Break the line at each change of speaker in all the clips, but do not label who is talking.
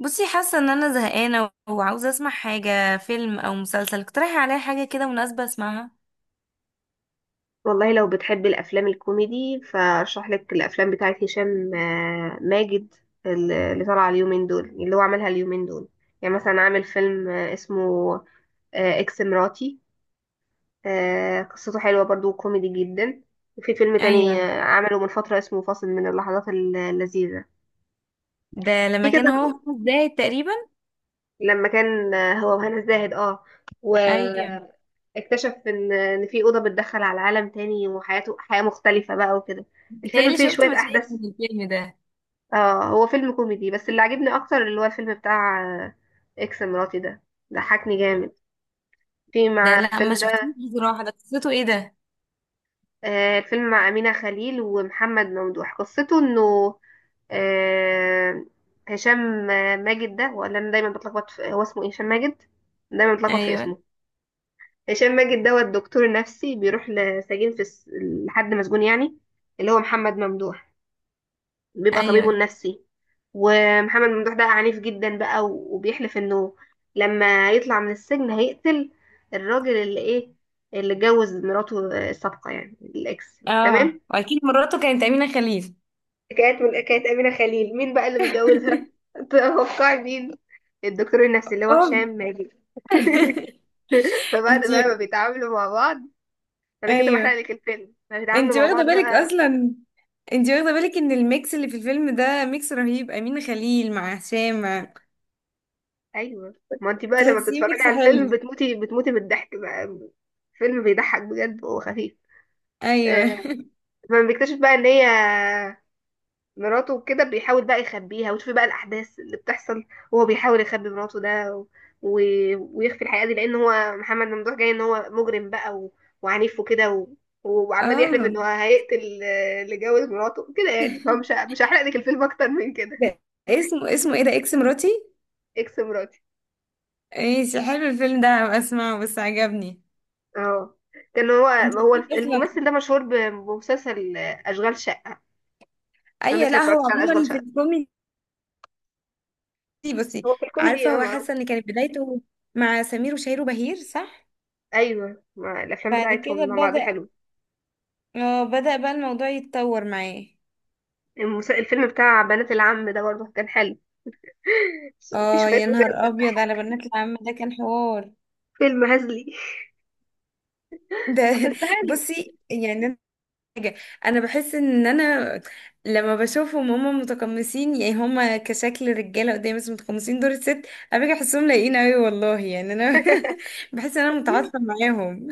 بصي، حاسه ان انا زهقانه وعاوزه اسمع حاجه، فيلم او مسلسل. اقترحي عليا حاجه كده مناسبه اسمعها.
والله لو بتحب الافلام الكوميدي فارشح لك الافلام بتاعت هشام ماجد اللي طالعه اليومين دول اللي هو عملها اليومين دول. يعني مثلا عامل فيلم اسمه اكس مراتي. قصته حلوه برضو كوميدي جدا. وفي فيلم تاني
ايوه.
عمله من فتره اسمه فاصل من اللحظات اللذيذه
ده
في
لما كان
كذا،
هو 5 دقايق تقريبا.
لما كان هو وهنا الزاهد اه
ايوه.
واكتشف ان في اوضه بتدخل على عالم تاني وحياته حياه مختلفه بقى وكده. الفيلم
بتهيألي
فيه
شفت
شوية
مشاهد
أحداث.
من الفيلم ده.
اه هو فيلم كوميدي، بس اللي عجبني اكتر اللي هو الفيلم بتاع اكس مراتي ده. ضحكني جامد في
ده
مع
لا،
الفيلم
ما شفتوش
ده.
بصراحه، ده قصته ايه ده؟
الفيلم مع أمينة خليل ومحمد ممدوح، قصته انه آه، هشام ماجد ده، ولا انا دايما بتلخبط في هو اسمه ايه؟ هشام ماجد. دايما بتلخبط في
ايوه.
اسمه. هشام ماجد ده هو الدكتور النفسي، بيروح لسجين في لحد مسجون يعني، اللي هو محمد ممدوح، بيبقى طبيبه
ايوه.
النفسي. ومحمد ممدوح ده عنيف جدا بقى، وبيحلف انه لما يطلع من السجن هيقتل الراجل اللي ايه، اللي اتجوز مراته السابقة، يعني الاكس،
اه،
تمام.
واكيد مراته كانت امينه خليل.
كانت من كانت أمينة خليل، مين بقى اللي متجوزها؟ توقعي مين. الدكتور النفسي اللي هو
اوه.
هشام ماجد. فبعد بقى ما
انتي.
بيتعاملوا مع بعض، انا كده بحرق
ايوه.
لك الفيلم، ما بيتعاملوا
انتي
مع
واخده
بعض
بالك
بقى.
اصلا؟ انتي واخده بالك ان الميكس اللي في الفيلم ده ميكس رهيب، امينه خليل مع هشام؟
ايوه، ما انت بقى لما
تحسيه
بتتفرجي
ميكس
على الفيلم
حلو.
بتموتي من الضحك بقى. فيلم بيضحك بجد وخفيف.
ايوه.
آه، فلما بيكتشف بقى ان هي مراته وكده، بيحاول بقى يخبيها، وتشوفي بقى الاحداث اللي بتحصل وهو بيحاول يخبي مراته ده، و... ويخفي الحقيقه دي، لان هو محمد ممدوح جاي ان هو مجرم بقى وعنيف وكده، وعمال يحلف ان
اه.
هو هيقتل اللي جوز مراته كده، يعني هو مش مش هحرق لك الفيلم اكتر من كده.
ده اسمه ايه ده؟ اكس مراتي.
اكس مراتي.
ماشي، حلو الفيلم ده، هبقى اسمعه، بس عجبني.
اه، كان هو،
انت
هو
ليه اصلا؟
الممثل ده مشهور بمسلسل اشغال شقه. انا
اي
لسه ما
لا، هو
اتفرجتش على اشغال
عموما في
شقه.
الكوميدي. بصي،
هو في الكوميدي
عارفه
اه
هو
معروف.
حاسه ان كانت بدايته مع سمير وشهير وبهير، صح؟
ايوه، ما الافلام
بعد كده
بتاعتهم مع بعض
بدأ
حلو.
اه بدأ بقى الموضوع يتطور معاه.
الفيلم بتاع بنات العم ده برضه كان حلو. في
اه،
شويه
يا نهار
مشاهد
ابيض على
بتضحك،
بنات العم ده، كان حوار.
فيلم هزلي.
ده.
بس حلو.
بصي يعني، حاجة، انا بحس ان انا لما بشوفهم هما متقمصين، يعني هما كشكل رجالة قدامي بس متقمصين دور الست. انا باجي احسهم لايقين اوي والله، يعني انا بحس ان انا متعاطفة معاهم.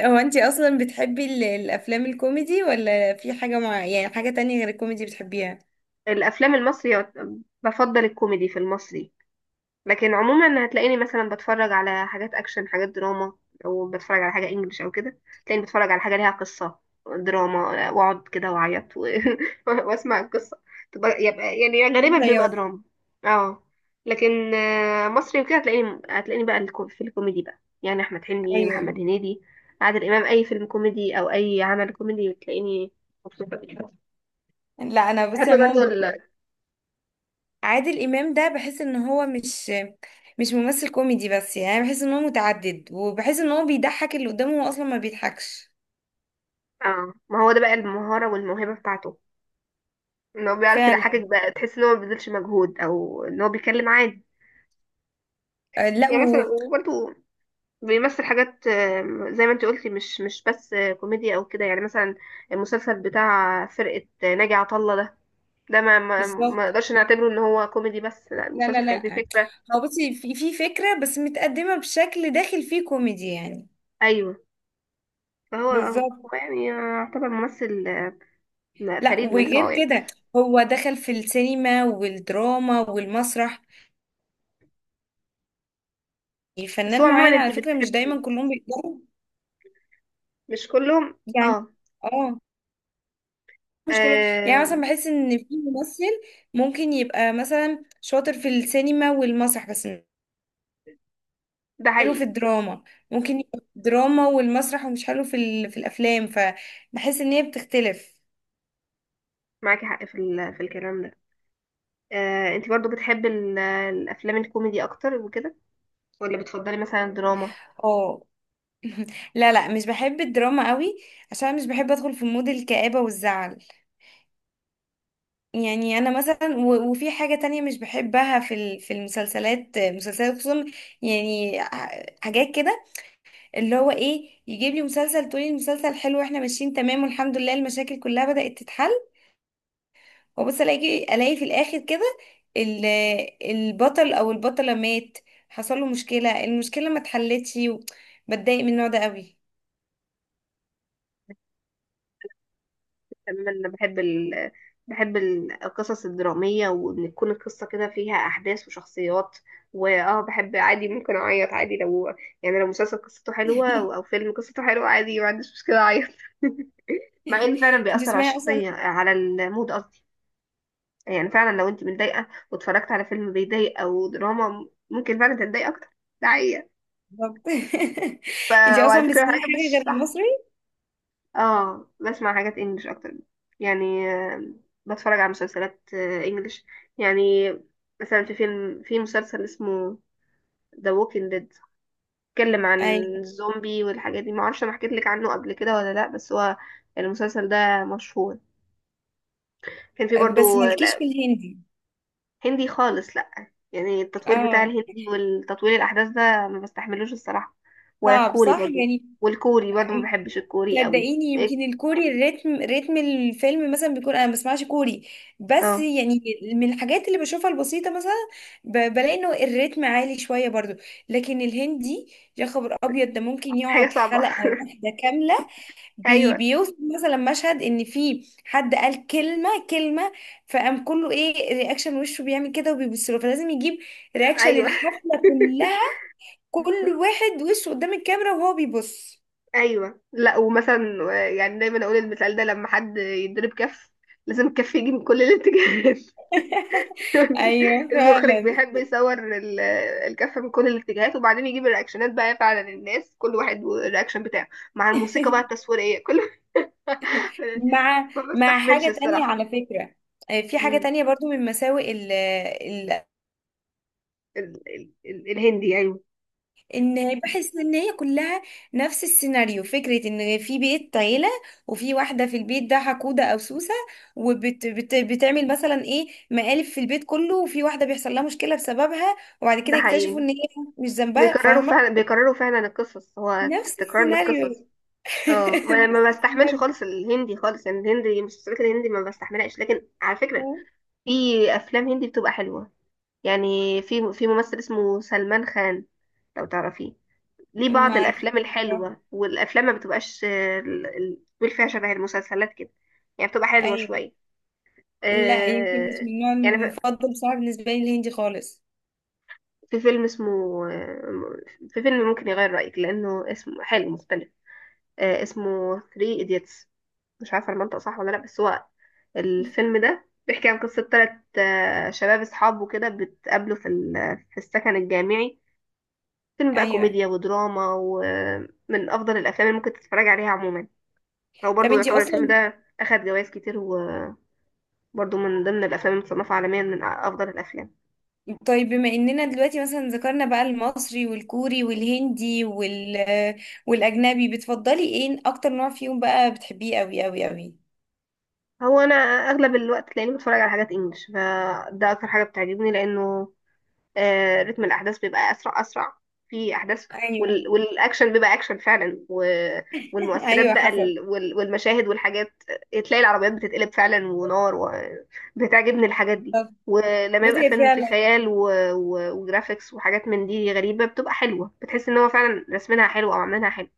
هو انتي اصلا بتحبي الافلام الكوميدي، ولا في حاجة، مع يعني حاجة تانية غير الكوميدي بتحبيها؟
الافلام المصري، بفضل الكوميدي في المصري، لكن عموما هتلاقيني مثلا بتفرج على حاجات اكشن، حاجات دراما، او بتفرج على حاجه انجليش او كده. تلاقيني بتفرج على حاجه ليها قصه، دراما، واقعد كده واعيط واسمع القصه. يبقى يعني غالبا بيبقى
الرياض.
دراما. اه، لكن مصري وكده هتلاقيني، في الكوميدي بقى يعني احمد حلمي،
ايوه.
محمد هنيدي، عادل امام. اي فيلم كوميدي او اي عمل كوميدي تلاقيني مبسوطه بيه.
لا انا
بحب
بصي
برضه
عموما، عادل امام ده بحس ان هو مش ممثل كوميدي بس، يعني أنا بحس ان هو متعدد، وبحس ان هو بيضحك اللي قدامه هو اصلا ما بيضحكش.
اه، ما هو ده بقى المهاره والموهبه بتاعته، ان هو بيعرف
فعلا.
يضحكك بقى، تحس ان هو ما بيبذلش مجهود او ان هو بيتكلم عادي.
آه، لا
يعني
و...
مثلا وبرده بيمثل حاجات، زي ما انت قلتي، مش بس كوميديا او كده. يعني مثلا المسلسل بتاع فرقة ناجي عطا الله ده، ده ما
بالظبط.
اقدرش نعتبره ان هو كوميدي بس، لا،
لا لا
المسلسل كان فيه
لا.
فكرة.
هو بصي، في فكرة بس متقدمة بشكل، داخل فيه كوميدي يعني.
ايوه، فهو اه
بالظبط.
هو يعني يعتبر ممثل
لا
فريد من نوعه
وغير
يعني.
كده، هو دخل في السينما والدراما والمسرح.
بس هو
فنان معين
عموما انت
على فكرة، مش
بتحبي،
دايما كلهم بيقدروا
مش كلهم
يعني.
اه.
اه، مش كلهم يعني.
آم،
مثلا بحس ان في ممثل ممكن يبقى مثلا شاطر في السينما والمسرح بس مش
ده
حلو في
حقيقي.
الدراما. ممكن يبقى في الدراما والمسرح ومش حلو في الافلام، فبحس ان هي بتختلف.
معاكي حق في في الكلام ده. انت برضو بتحب الافلام الكوميدي اكتر وكده، ولا بتفضلي مثلا الدراما؟
اه. لا لا، مش بحب الدراما قوي، عشان مش بحب ادخل في مود الكآبة والزعل. يعني انا مثلا، وفي حاجة تانية مش بحبها في مسلسلات خصوصا، يعني حاجات كده، اللي هو ايه، يجيب لي مسلسل تقولي المسلسل حلو واحنا ماشيين تمام والحمد لله، المشاكل كلها بدأت تتحل، وبس الاقي في الاخر كده ال- البطل او البطلة مات، حصل له مشكلة، المشكلة ما اتحلتش. بتضايق من النوع ده قوي.
تماما، انا بحب بحب القصص الدرامية، وان تكون القصة كده فيها احداث وشخصيات. واه بحب عادي، ممكن اعيط عادي، لو يعني لو مسلسل قصته حلوة او أو فيلم قصته حلوة، عادي ما عنديش مشكلة اعيط. مع ان فعلا
انت
بيأثر على
تسمعي اصلا؟
الشخصية، على المود قصدي. يعني فعلا لو انت متضايقة واتفرجت على فيلم بيضايق او دراما، ممكن فعلا تتضايق اكتر. ده حقيقة.
بالظبط.
ف...
انت
وعلى
اصلا
فكرة
بتسمعي
حاجة
حاجه
مش
غير
صح،
المصري؟
اه بسمع حاجات انجلش اكتر. يعني بتفرج على مسلسلات انجلش. يعني مثلا في فيلم، في مسلسل اسمه The Walking Dead، بيتكلم عن
ايوه.
الزومبي والحاجات دي. معرفش انا حكيت لك عنه قبل كده ولا لا، بس هو المسلسل ده مشهور. كان في
بس
برضو
مالكيش في
لا.
الهندي.
هندي خالص لا، يعني التطوير بتاع
اه،
الهندي والتطوير الاحداث ده، ما بستحملوش الصراحة. ولا
صعب
الكوري
صح
برضو.
يعني.
والكوري برضو ما
م-
بحبش الكوري قوي
صدقيني،
إيه؟
يمكن الكوري، ريتم الفيلم مثلا بيكون، انا ما بسمعش كوري بس
اه،
يعني، من الحاجات اللي بشوفها البسيطه مثلا، بلاقي انه الريتم عالي شويه برضو. لكن الهندي، يا خبر ابيض، ده ممكن
حاجة
يقعد
صعبة.
حلقه واحده كامله، بي
ايوه.
بيوصف مثلا مشهد ان في حد قال كلمه كلمه، فقام كله ايه، رياكشن، وشه بيعمل كده وبيبص له، فلازم يجيب رياكشن
ايوه،
الحفله كلها، كل واحد وشه قدام الكاميرا وهو بيبص.
ايوه، لا. ومثلا يعني دايما اقول المثال ده، لما حد يضرب كف لازم الكف يجي من كل الاتجاهات.
ايوه
المخرج
فعلا.
بيحب يصور الكف من كل الاتجاهات، وبعدين يجيب الرياكشنات بقى فعلا، الناس كل واحد والرياكشن بتاعه مع الموسيقى بقى التصويرية، كل
مع
ما
مع
بستحملش
حاجه تانية
الصراحة.
على فكره. في حاجه
مم.
تانية برضو من مساوئ.
ال الهندي، ايوه.
ان بحس ان هي كلها نفس السيناريو، فكرة ان في بيت عيلة، وفي واحدة في البيت ده حقودة او سوسة، وبتعمل مثلا ايه، مقالب في البيت كله، وفي واحدة بيحصل لها مشكلة بسببها، وبعد
ده
كده يكتشفوا
حقيقي.
ان هي مش ذنبها،
بيكرروا
فاهمة؟
فعلا، بيكرروا فعلا القصص، هو
نفس
تكرار للقصص.
السيناريو.
اه، ما
نفس
ما بستحملش
السيناريو.
خالص الهندي خالص، يعني الهندي المسلسلات الهندي ما بستحملهاش، لكن على فكرة في افلام هندي بتبقى حلوة. يعني في في ممثل اسمه سلمان خان، لو تعرفيه، ليه
ما
بعض
اعرف.
الافلام الحلوة، والافلام ما بتبقاش بيقول فيها شبه المسلسلات كده، يعني بتبقى حلوة
ايوه.
شوية.
لا يمكن مش
آه،
من النوع
يعني
المفضل بصراحة بالنسبة لي الهندي خالص.
في فيلم اسمه في فيلم ممكن يغير رأيك لأنه اسمه حلو مختلف. اسمه 3 idiots. مش عارفة المنطق صح ولا لأ، بس هو الفيلم ده بيحكي عن قصة تلات شباب أصحاب وكده، بتقابلوا في في السكن الجامعي. فيلم بقى
ايوه.
كوميديا ودراما، ومن أفضل الأفلام اللي ممكن تتفرج عليها عموما. هو
طب
برضه
انتي
يعتبر الفيلم
اصلا.
ده أخد جوائز كتير، وبرضه من ضمن الأفلام المصنفة عالميا من أفضل الأفلام.
طيب بما اننا دلوقتي مثلا ذكرنا بقى المصري والكوري والهندي والاجنبي، بتفضلي ايه اكتر نوع فيهم بقى بتحبيه قوي قوي قوي؟
هو أنا أغلب الوقت تلاقيني بتفرج على حاجات إنجلش، فده أكتر حاجة بتعجبني، لأنه رتم الأحداث بيبقى أسرع، أسرع في أحداث،
ايوه.
والأكشن بيبقى أكشن فعلا، والمؤثرات
ايوه
بقى
حسب.
والمشاهد والحاجات، تلاقي العربيات بتتقلب فعلا ونار. وبتعجبني الحاجات دي،
طب
ولما يبقى
بصي هي
فيلم فيه
فعلا.
خيال وجرافيكس وحاجات من دي غريبة، بتبقى حلوة، بتحس ان هو فعلا رسمينها حلو او عاملينها حلو.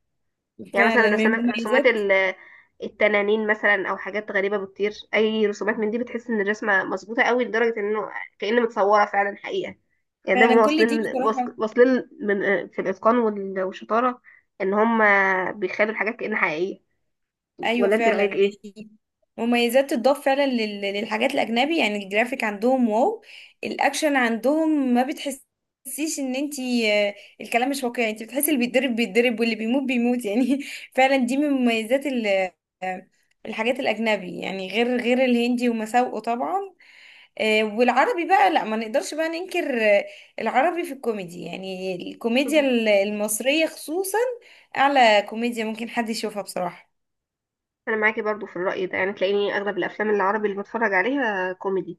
يعني مثلا
فعلا من
رسومات،
المميزات.
التنانين مثلا، او حاجات غريبه بتطير، اي رسومات من دي بتحس ان الرسمه مظبوطه قوي، لدرجه انه كأن متصوره فعلا حقيقه. يعني ده
فعلا كل دي
واصلين
بصراحة.
واصلين من في الاتقان والشطاره، ان هم بيخلوا الحاجات كأن حقيقيه.
ايوه
ولا انت
فعلا
رايك ايه؟
يعني، مميزات تضاف فعلا للحاجات الاجنبي. يعني الجرافيك عندهم واو، الاكشن عندهم ما بتحسيش ان انتي، الكلام مش واقعي. انتي بتحسي اللي بيتضرب بيتضرب، واللي بيموت بيموت يعني. فعلا دي من مميزات آه، الحاجات الاجنبي، يعني غير الهندي ومساوئه طبعا. والعربي بقى لا، ما نقدرش بقى ننكر، العربي في الكوميدي، يعني الكوميديا
مهم.
المصرية خصوصا، اعلى كوميديا ممكن حد يشوفها بصراحة.
انا معاكي برضو في الراي ده، يعني تلاقيني اغلب الافلام العربي اللي بتفرج عليها كوميدي.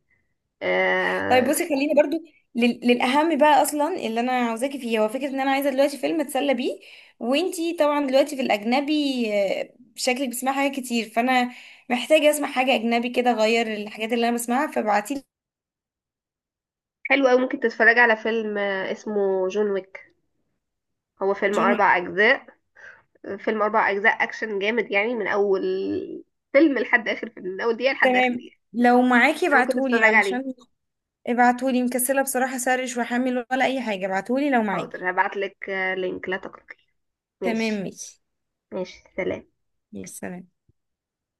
طيب
آه،
بصي خليني برضو للاهم بقى، اصلا اللي انا عاوزاكي فيه، هو فكره ان انا عايزه دلوقتي فيلم اتسلى بيه. وانتي طبعا دلوقتي في الاجنبي، شكلك بتسمعي حاجات كتير، فانا محتاجه اسمع حاجه اجنبي كده اغير الحاجات اللي انا بسمعها، فابعتيلي.
حلو قوي. ممكن تتفرجي على فيلم اسمه جون ويك. هو فيلم
جون ويك.
اربع اجزاء. فيلم أربع أجزاء أكشن جامد، يعني من أول فيلم لحد آخر فيلم، من أول دقيقة لحد آخر
تمام،
دقيقة.
لو معاكي
ده ممكن
ابعتهولي
تتفرج عليه.
علشان. ابعتهولي، مكسله بصراحه، سرش واحمل ولا اي حاجه. ابعتهولي لو معاكي.
حاضر هبعتلك لينك، لا تقلقي.
تمام
ماشي.
ماشي.
ماشي، سلام.
ماشي سلام.